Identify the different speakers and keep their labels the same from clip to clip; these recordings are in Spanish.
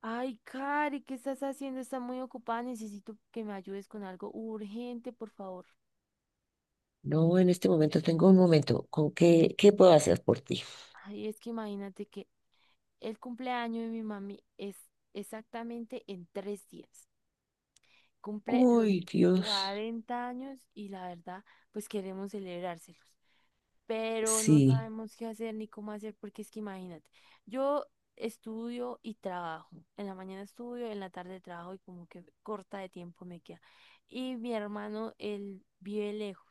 Speaker 1: Ay, Cari, ¿qué estás haciendo? Está muy ocupada, necesito que me ayudes con algo urgente, por favor.
Speaker 2: No, en este momento tengo un momento. ¿Con qué, qué puedo hacer por ti?
Speaker 1: Ay, es que imagínate que el cumpleaños de mi mami es exactamente en 3 días. Cumple los
Speaker 2: Uy, Dios.
Speaker 1: 40 años y la verdad, pues queremos celebrárselos, pero no
Speaker 2: Sí.
Speaker 1: sabemos qué hacer ni cómo hacer, porque es que imagínate, yo estudio y trabajo, en la mañana estudio, en la tarde trabajo y como que corta de tiempo me queda. Y mi hermano, él vive lejos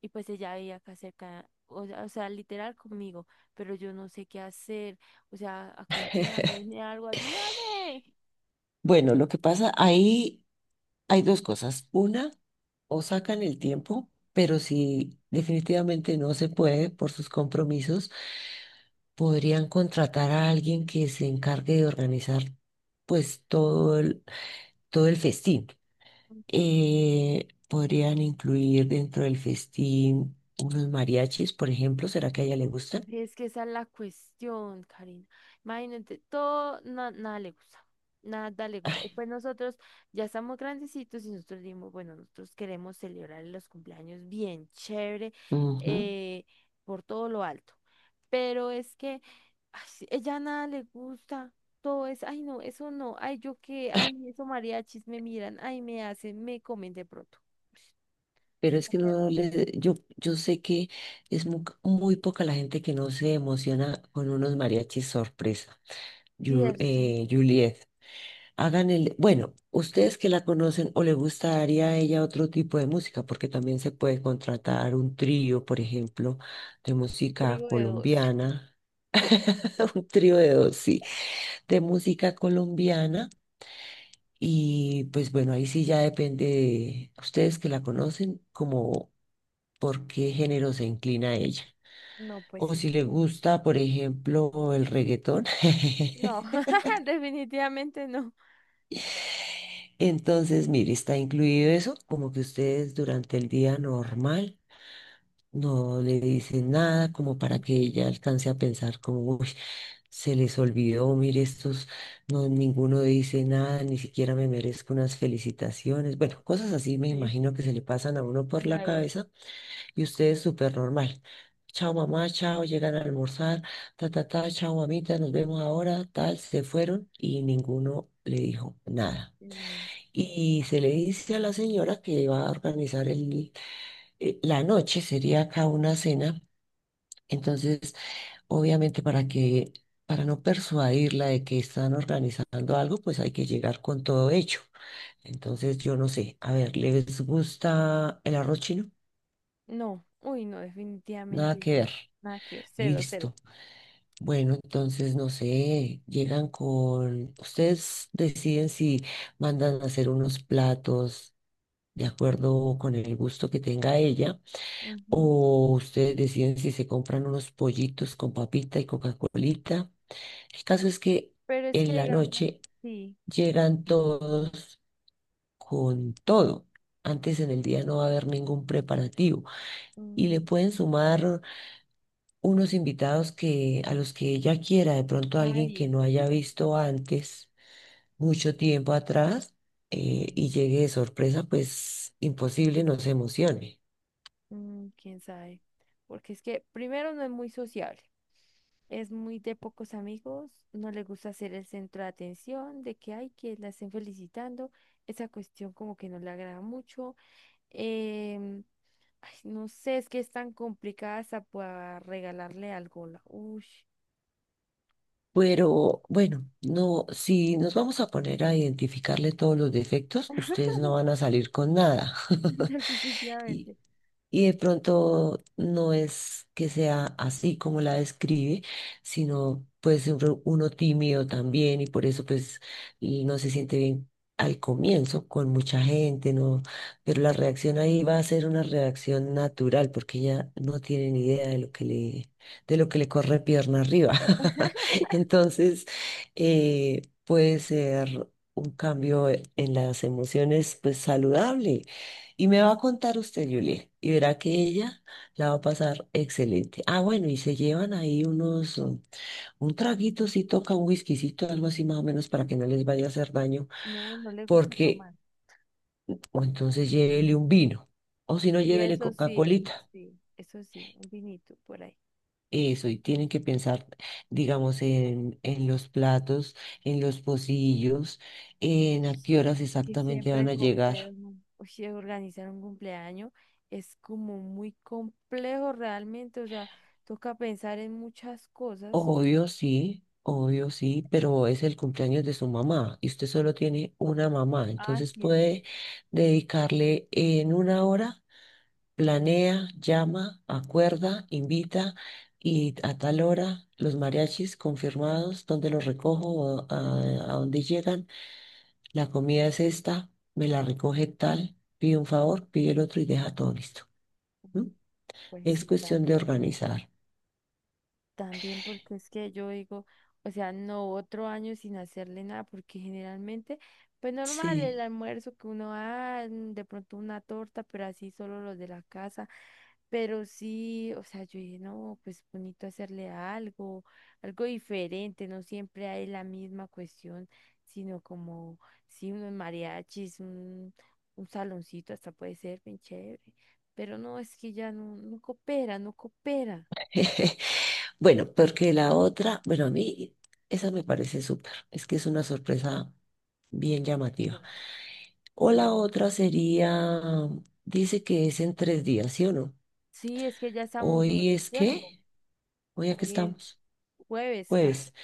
Speaker 1: y pues ella vive acá cerca, o sea, literal conmigo, pero yo no sé qué hacer, o sea, aconséjame, dime algo, ayúdame.
Speaker 2: Bueno, lo que pasa, ahí hay dos cosas. Una, o sacan el tiempo, pero si definitivamente no se puede por sus compromisos, podrían contratar a alguien que se encargue de organizar pues todo el festín. Podrían incluir dentro del festín unos mariachis, por ejemplo. ¿Será que a ella le gustan?
Speaker 1: Es que esa es la cuestión, Karina. Imagínate, todo, nada le gusta. Nada le gusta. Y pues nosotros ya estamos grandecitos y nosotros dimos, bueno, nosotros queremos celebrar los cumpleaños bien chévere,
Speaker 2: Ujú.
Speaker 1: eh, por todo lo alto. Pero es que ay, sí, ella nada le gusta. Todo es, ay, no, eso no, ay, yo qué, ay, eso mariachis me miran, ay, me hacen, me comen de pronto.
Speaker 2: Pero es que no le, yo sé que es muy, poca la gente que no se emociona con unos mariachis sorpresa.
Speaker 1: Cierto, un
Speaker 2: Juliet, bueno, ustedes que la conocen, o le gustaría a ella otro tipo de música, porque también se puede contratar un trío, por ejemplo, de música
Speaker 1: trigo de dos.
Speaker 2: colombiana. Un trío de dos, sí, de música colombiana. Y pues bueno, ahí sí ya depende de ustedes que la conocen, como por qué género se inclina ella.
Speaker 1: No, pues
Speaker 2: O si le
Speaker 1: este.
Speaker 2: gusta, por ejemplo, el reggaetón.
Speaker 1: No, definitivamente no.
Speaker 2: Entonces, mire, está incluido eso, como que ustedes durante el día normal no le dicen nada, como para que ella alcance a pensar como, uy, se les olvidó, mire, estos, no, ninguno dice nada, ni siquiera me merezco unas felicitaciones. Bueno, cosas así me
Speaker 1: Sí,
Speaker 2: imagino que se le pasan a uno por la
Speaker 1: claro.
Speaker 2: cabeza, y ustedes súper normal. Chao mamá, chao, llegan a almorzar, ta, ta, ta, chao mamita, nos vemos ahora, tal, se fueron y ninguno le dijo nada.
Speaker 1: Mm.
Speaker 2: Y se le dice a la señora que va a organizar la noche, sería acá una cena. Entonces, obviamente para no persuadirla de que están organizando algo, pues hay que llegar con todo hecho. Entonces, yo no sé, a ver, ¿les gusta el arroz chino?
Speaker 1: No, uy, no,
Speaker 2: Nada
Speaker 1: definitivamente
Speaker 2: que
Speaker 1: no.
Speaker 2: ver.
Speaker 1: Nada que ver, cero, cero.
Speaker 2: Listo. Bueno, entonces no sé, llegan con, ustedes deciden si mandan a hacer unos platos de acuerdo con el gusto que tenga ella,
Speaker 1: Ujú.
Speaker 2: o ustedes deciden si se compran unos pollitos con papita y Coca-Colita. El caso es que
Speaker 1: Pero es que
Speaker 2: en la
Speaker 1: digamos,
Speaker 2: noche
Speaker 1: sí.
Speaker 2: llegan todos con todo. Antes en el día no va a haber ningún preparativo, y
Speaker 1: mm,
Speaker 2: le pueden sumar unos invitados que, a los que ella quiera, de pronto alguien que
Speaker 1: Ay,
Speaker 2: no haya visto antes, mucho tiempo atrás,
Speaker 1: mm,
Speaker 2: y llegue de sorpresa, pues imposible nos emocione.
Speaker 1: mm, quién sabe. Porque es que primero no es muy sociable, es muy de pocos amigos, no le gusta ser el centro de atención, de que hay que la estén felicitando, esa cuestión como que no le agrada mucho. em, Ay, no sé, es que es tan complicada hasta para regalarle algo. Uy.
Speaker 2: Pero bueno, no, si nos vamos a poner a identificarle todos los defectos, ustedes no van a salir con nada.
Speaker 1: Definitivamente.
Speaker 2: Y de pronto no es que sea así como la describe, sino puede ser uno tímido también, y por eso pues y no se siente bien al comienzo con mucha gente, ¿no? Pero la reacción ahí va a ser una reacción natural, porque ella no tiene ni idea de de lo que le corre pierna arriba. Entonces, puede ser un cambio en las emociones pues saludable. Y me va a contar usted, Julia, y verá que ella la va a pasar excelente. Ah, bueno, y se llevan ahí un traguito, si toca un whiskycito, algo así más o menos para que no les vaya a hacer daño,
Speaker 1: No, no le gusta
Speaker 2: porque,
Speaker 1: tomar.
Speaker 2: o entonces llévele un vino, o si no,
Speaker 1: Y
Speaker 2: llévele
Speaker 1: eso sí, eso
Speaker 2: Coca-Colita.
Speaker 1: sí. Eso sí, un vinito por ahí.
Speaker 2: Eso, y tienen que pensar, digamos, en los platos, en los pocillos, en a qué horas
Speaker 1: Que
Speaker 2: exactamente van
Speaker 1: siempre
Speaker 2: a
Speaker 1: compré
Speaker 2: llegar.
Speaker 1: un- Uy, sí, organizar un cumpleaños es como muy complejo realmente, o sea, toca pensar en muchas cosas.
Speaker 2: Obvio sí, pero es el cumpleaños de su mamá y usted solo tiene una mamá,
Speaker 1: Ah,
Speaker 2: entonces
Speaker 1: sí, eso.
Speaker 2: puede dedicarle en una hora, planea, llama, acuerda, invita, y a tal hora los mariachis confirmados, dónde los recojo, a dónde llegan, la comida es esta, me la recoge tal, pide un favor, pide el otro y deja todo listo. ¿No?
Speaker 1: Pues
Speaker 2: Es
Speaker 1: sí,
Speaker 2: cuestión de
Speaker 1: también, ¿no?
Speaker 2: organizar.
Speaker 1: También porque es que yo digo, o sea, no otro año sin hacerle nada, porque generalmente, pues normal el
Speaker 2: Sí.
Speaker 1: almuerzo que uno da, de pronto una torta, pero así solo los de la casa. Pero sí, o sea, yo dije, no, pues bonito hacerle algo, algo diferente, no siempre hay la misma cuestión, sino como, sí, unos mariachis, un saloncito, hasta puede ser bien chévere. Pero no, es que ya no, no coopera.
Speaker 2: Bueno, porque la otra, bueno, a mí esa me parece súper, es que es una sorpresa bien llamativa. O la otra sería, dice que es en tres días, ¿sí o no?
Speaker 1: Sí, es que ya estamos
Speaker 2: Hoy
Speaker 1: sobre el
Speaker 2: es
Speaker 1: tiempo.
Speaker 2: qué, hoy aquí
Speaker 1: Hoy es
Speaker 2: estamos,
Speaker 1: jueves, creo.
Speaker 2: jueves,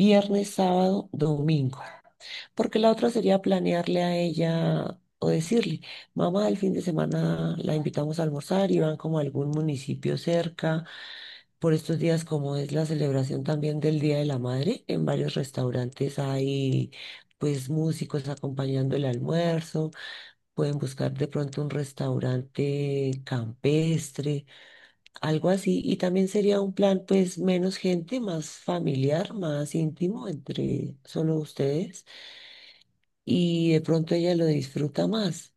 Speaker 1: Sí.
Speaker 2: sábado, domingo. Porque la otra sería planearle a ella o decirle, mamá, el fin de semana la invitamos a almorzar y van como a algún municipio cerca. Por estos días, como es la celebración también del Día de la Madre, en varios restaurantes hay pues músicos acompañando el almuerzo, pueden buscar de pronto un restaurante campestre, algo así, y también sería un plan pues menos gente, más familiar, más íntimo entre solo ustedes, y de pronto ella lo disfruta más,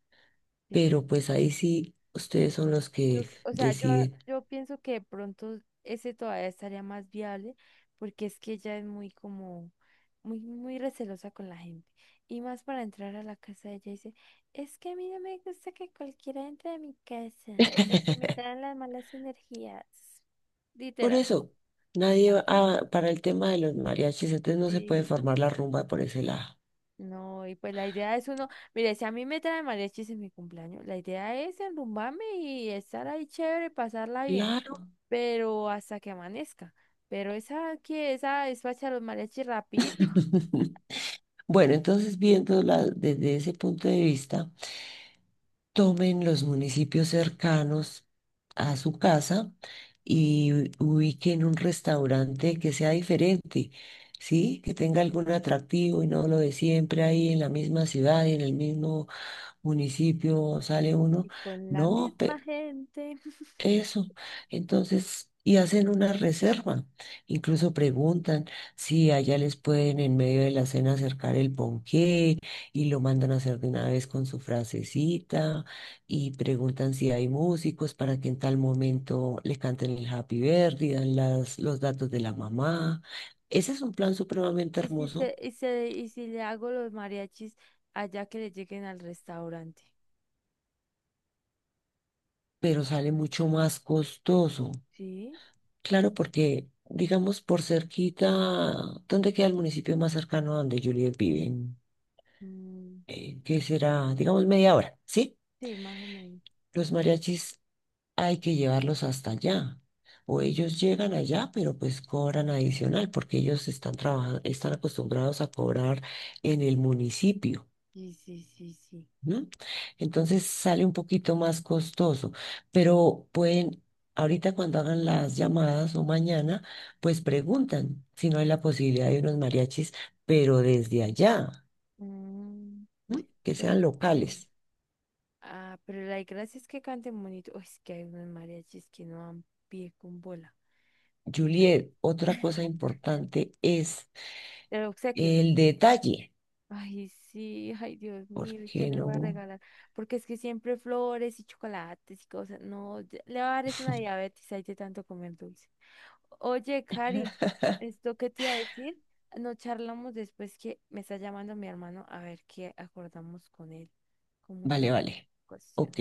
Speaker 2: pero
Speaker 1: eh,
Speaker 2: pues ahí sí ustedes son los
Speaker 1: yo-
Speaker 2: que
Speaker 1: o sea, yo,
Speaker 2: deciden.
Speaker 1: yo pienso que de pronto ese todavía estaría más viable porque es que ella es muy como, muy recelosa con la gente. Y más para entrar a la casa de ella dice, es que a mí no me gusta que cualquiera entre a mi casa porque me traen las malas energías.
Speaker 2: Por
Speaker 1: Literal.
Speaker 2: eso, nadie va ah, para el tema de los mariachis, entonces no se puede
Speaker 1: Sí.
Speaker 2: formar la rumba por ese lado.
Speaker 1: No, y pues la idea es uno, mire, si a mí me trae mariachis en mi cumpleaños, la idea es enrumbarme y estar ahí chévere, pasarla bien,
Speaker 2: Claro.
Speaker 1: pero hasta que amanezca. Pero esa que esa despacha los mariachis rapidito.
Speaker 2: Bueno, entonces viéndola desde ese punto de vista, tomen los municipios cercanos a su casa y ubiquen un restaurante que sea diferente, ¿sí? Que tenga algún atractivo y no lo de siempre ahí en la misma ciudad y en el mismo municipio sale uno.
Speaker 1: Y con la
Speaker 2: No,
Speaker 1: misma gente.
Speaker 2: eso. Entonces, y hacen una reserva. Incluso preguntan si allá les pueden en medio de la cena acercar el ponqué, y lo mandan a hacer de una vez con su frasecita, y preguntan si hay músicos para que en tal momento le canten el happy birthday, dan las, los datos de la mamá. Ese es un plan supremamente
Speaker 1: Y si
Speaker 2: hermoso,
Speaker 1: se, y se, y si le hago los mariachis allá que le lleguen al restaurante.
Speaker 2: pero sale mucho más costoso.
Speaker 1: ¿Sí?
Speaker 2: Claro, porque, digamos, por cerquita, ¿dónde queda el municipio más cercano a donde Juliet vive?
Speaker 1: Mm,
Speaker 2: ¿Qué será? Digamos, media hora, ¿sí?
Speaker 1: sí, más o menos.
Speaker 2: Los mariachis hay que llevarlos hasta allá. O ellos llegan allá, pero pues cobran adicional, porque ellos están trabajando, están acostumbrados a cobrar en el municipio.
Speaker 1: Sí, sí, sí, sí.
Speaker 2: ¿No? Entonces sale un poquito más costoso, pero pueden, ahorita cuando hagan las llamadas o mañana, pues preguntan si no hay la posibilidad de unos mariachis, pero desde allá,
Speaker 1: Mm,
Speaker 2: ¿no? Que
Speaker 1: pues
Speaker 2: sean
Speaker 1: sí.
Speaker 2: locales.
Speaker 1: Ah, pero la gracia es que canten bonito. Uy, es que hay unos mariachis que no dan pie con bola.
Speaker 2: Juliet, otra cosa importante es
Speaker 1: El obsequio.
Speaker 2: el detalle,
Speaker 1: Ay, sí, ay, Dios mío, ¿y qué
Speaker 2: porque
Speaker 1: le
Speaker 2: no,
Speaker 1: voy a regalar? Porque es que siempre flores y chocolates y cosas. No, le va a dar es una diabetes ahí de tanto comer dulce. Oye, Cari, ¿esto qué te iba a decir? No charlamos después que me está llamando mi hermano a ver qué acordamos con él. Como su
Speaker 2: vale, vale,
Speaker 1: cuestión.
Speaker 2: ok.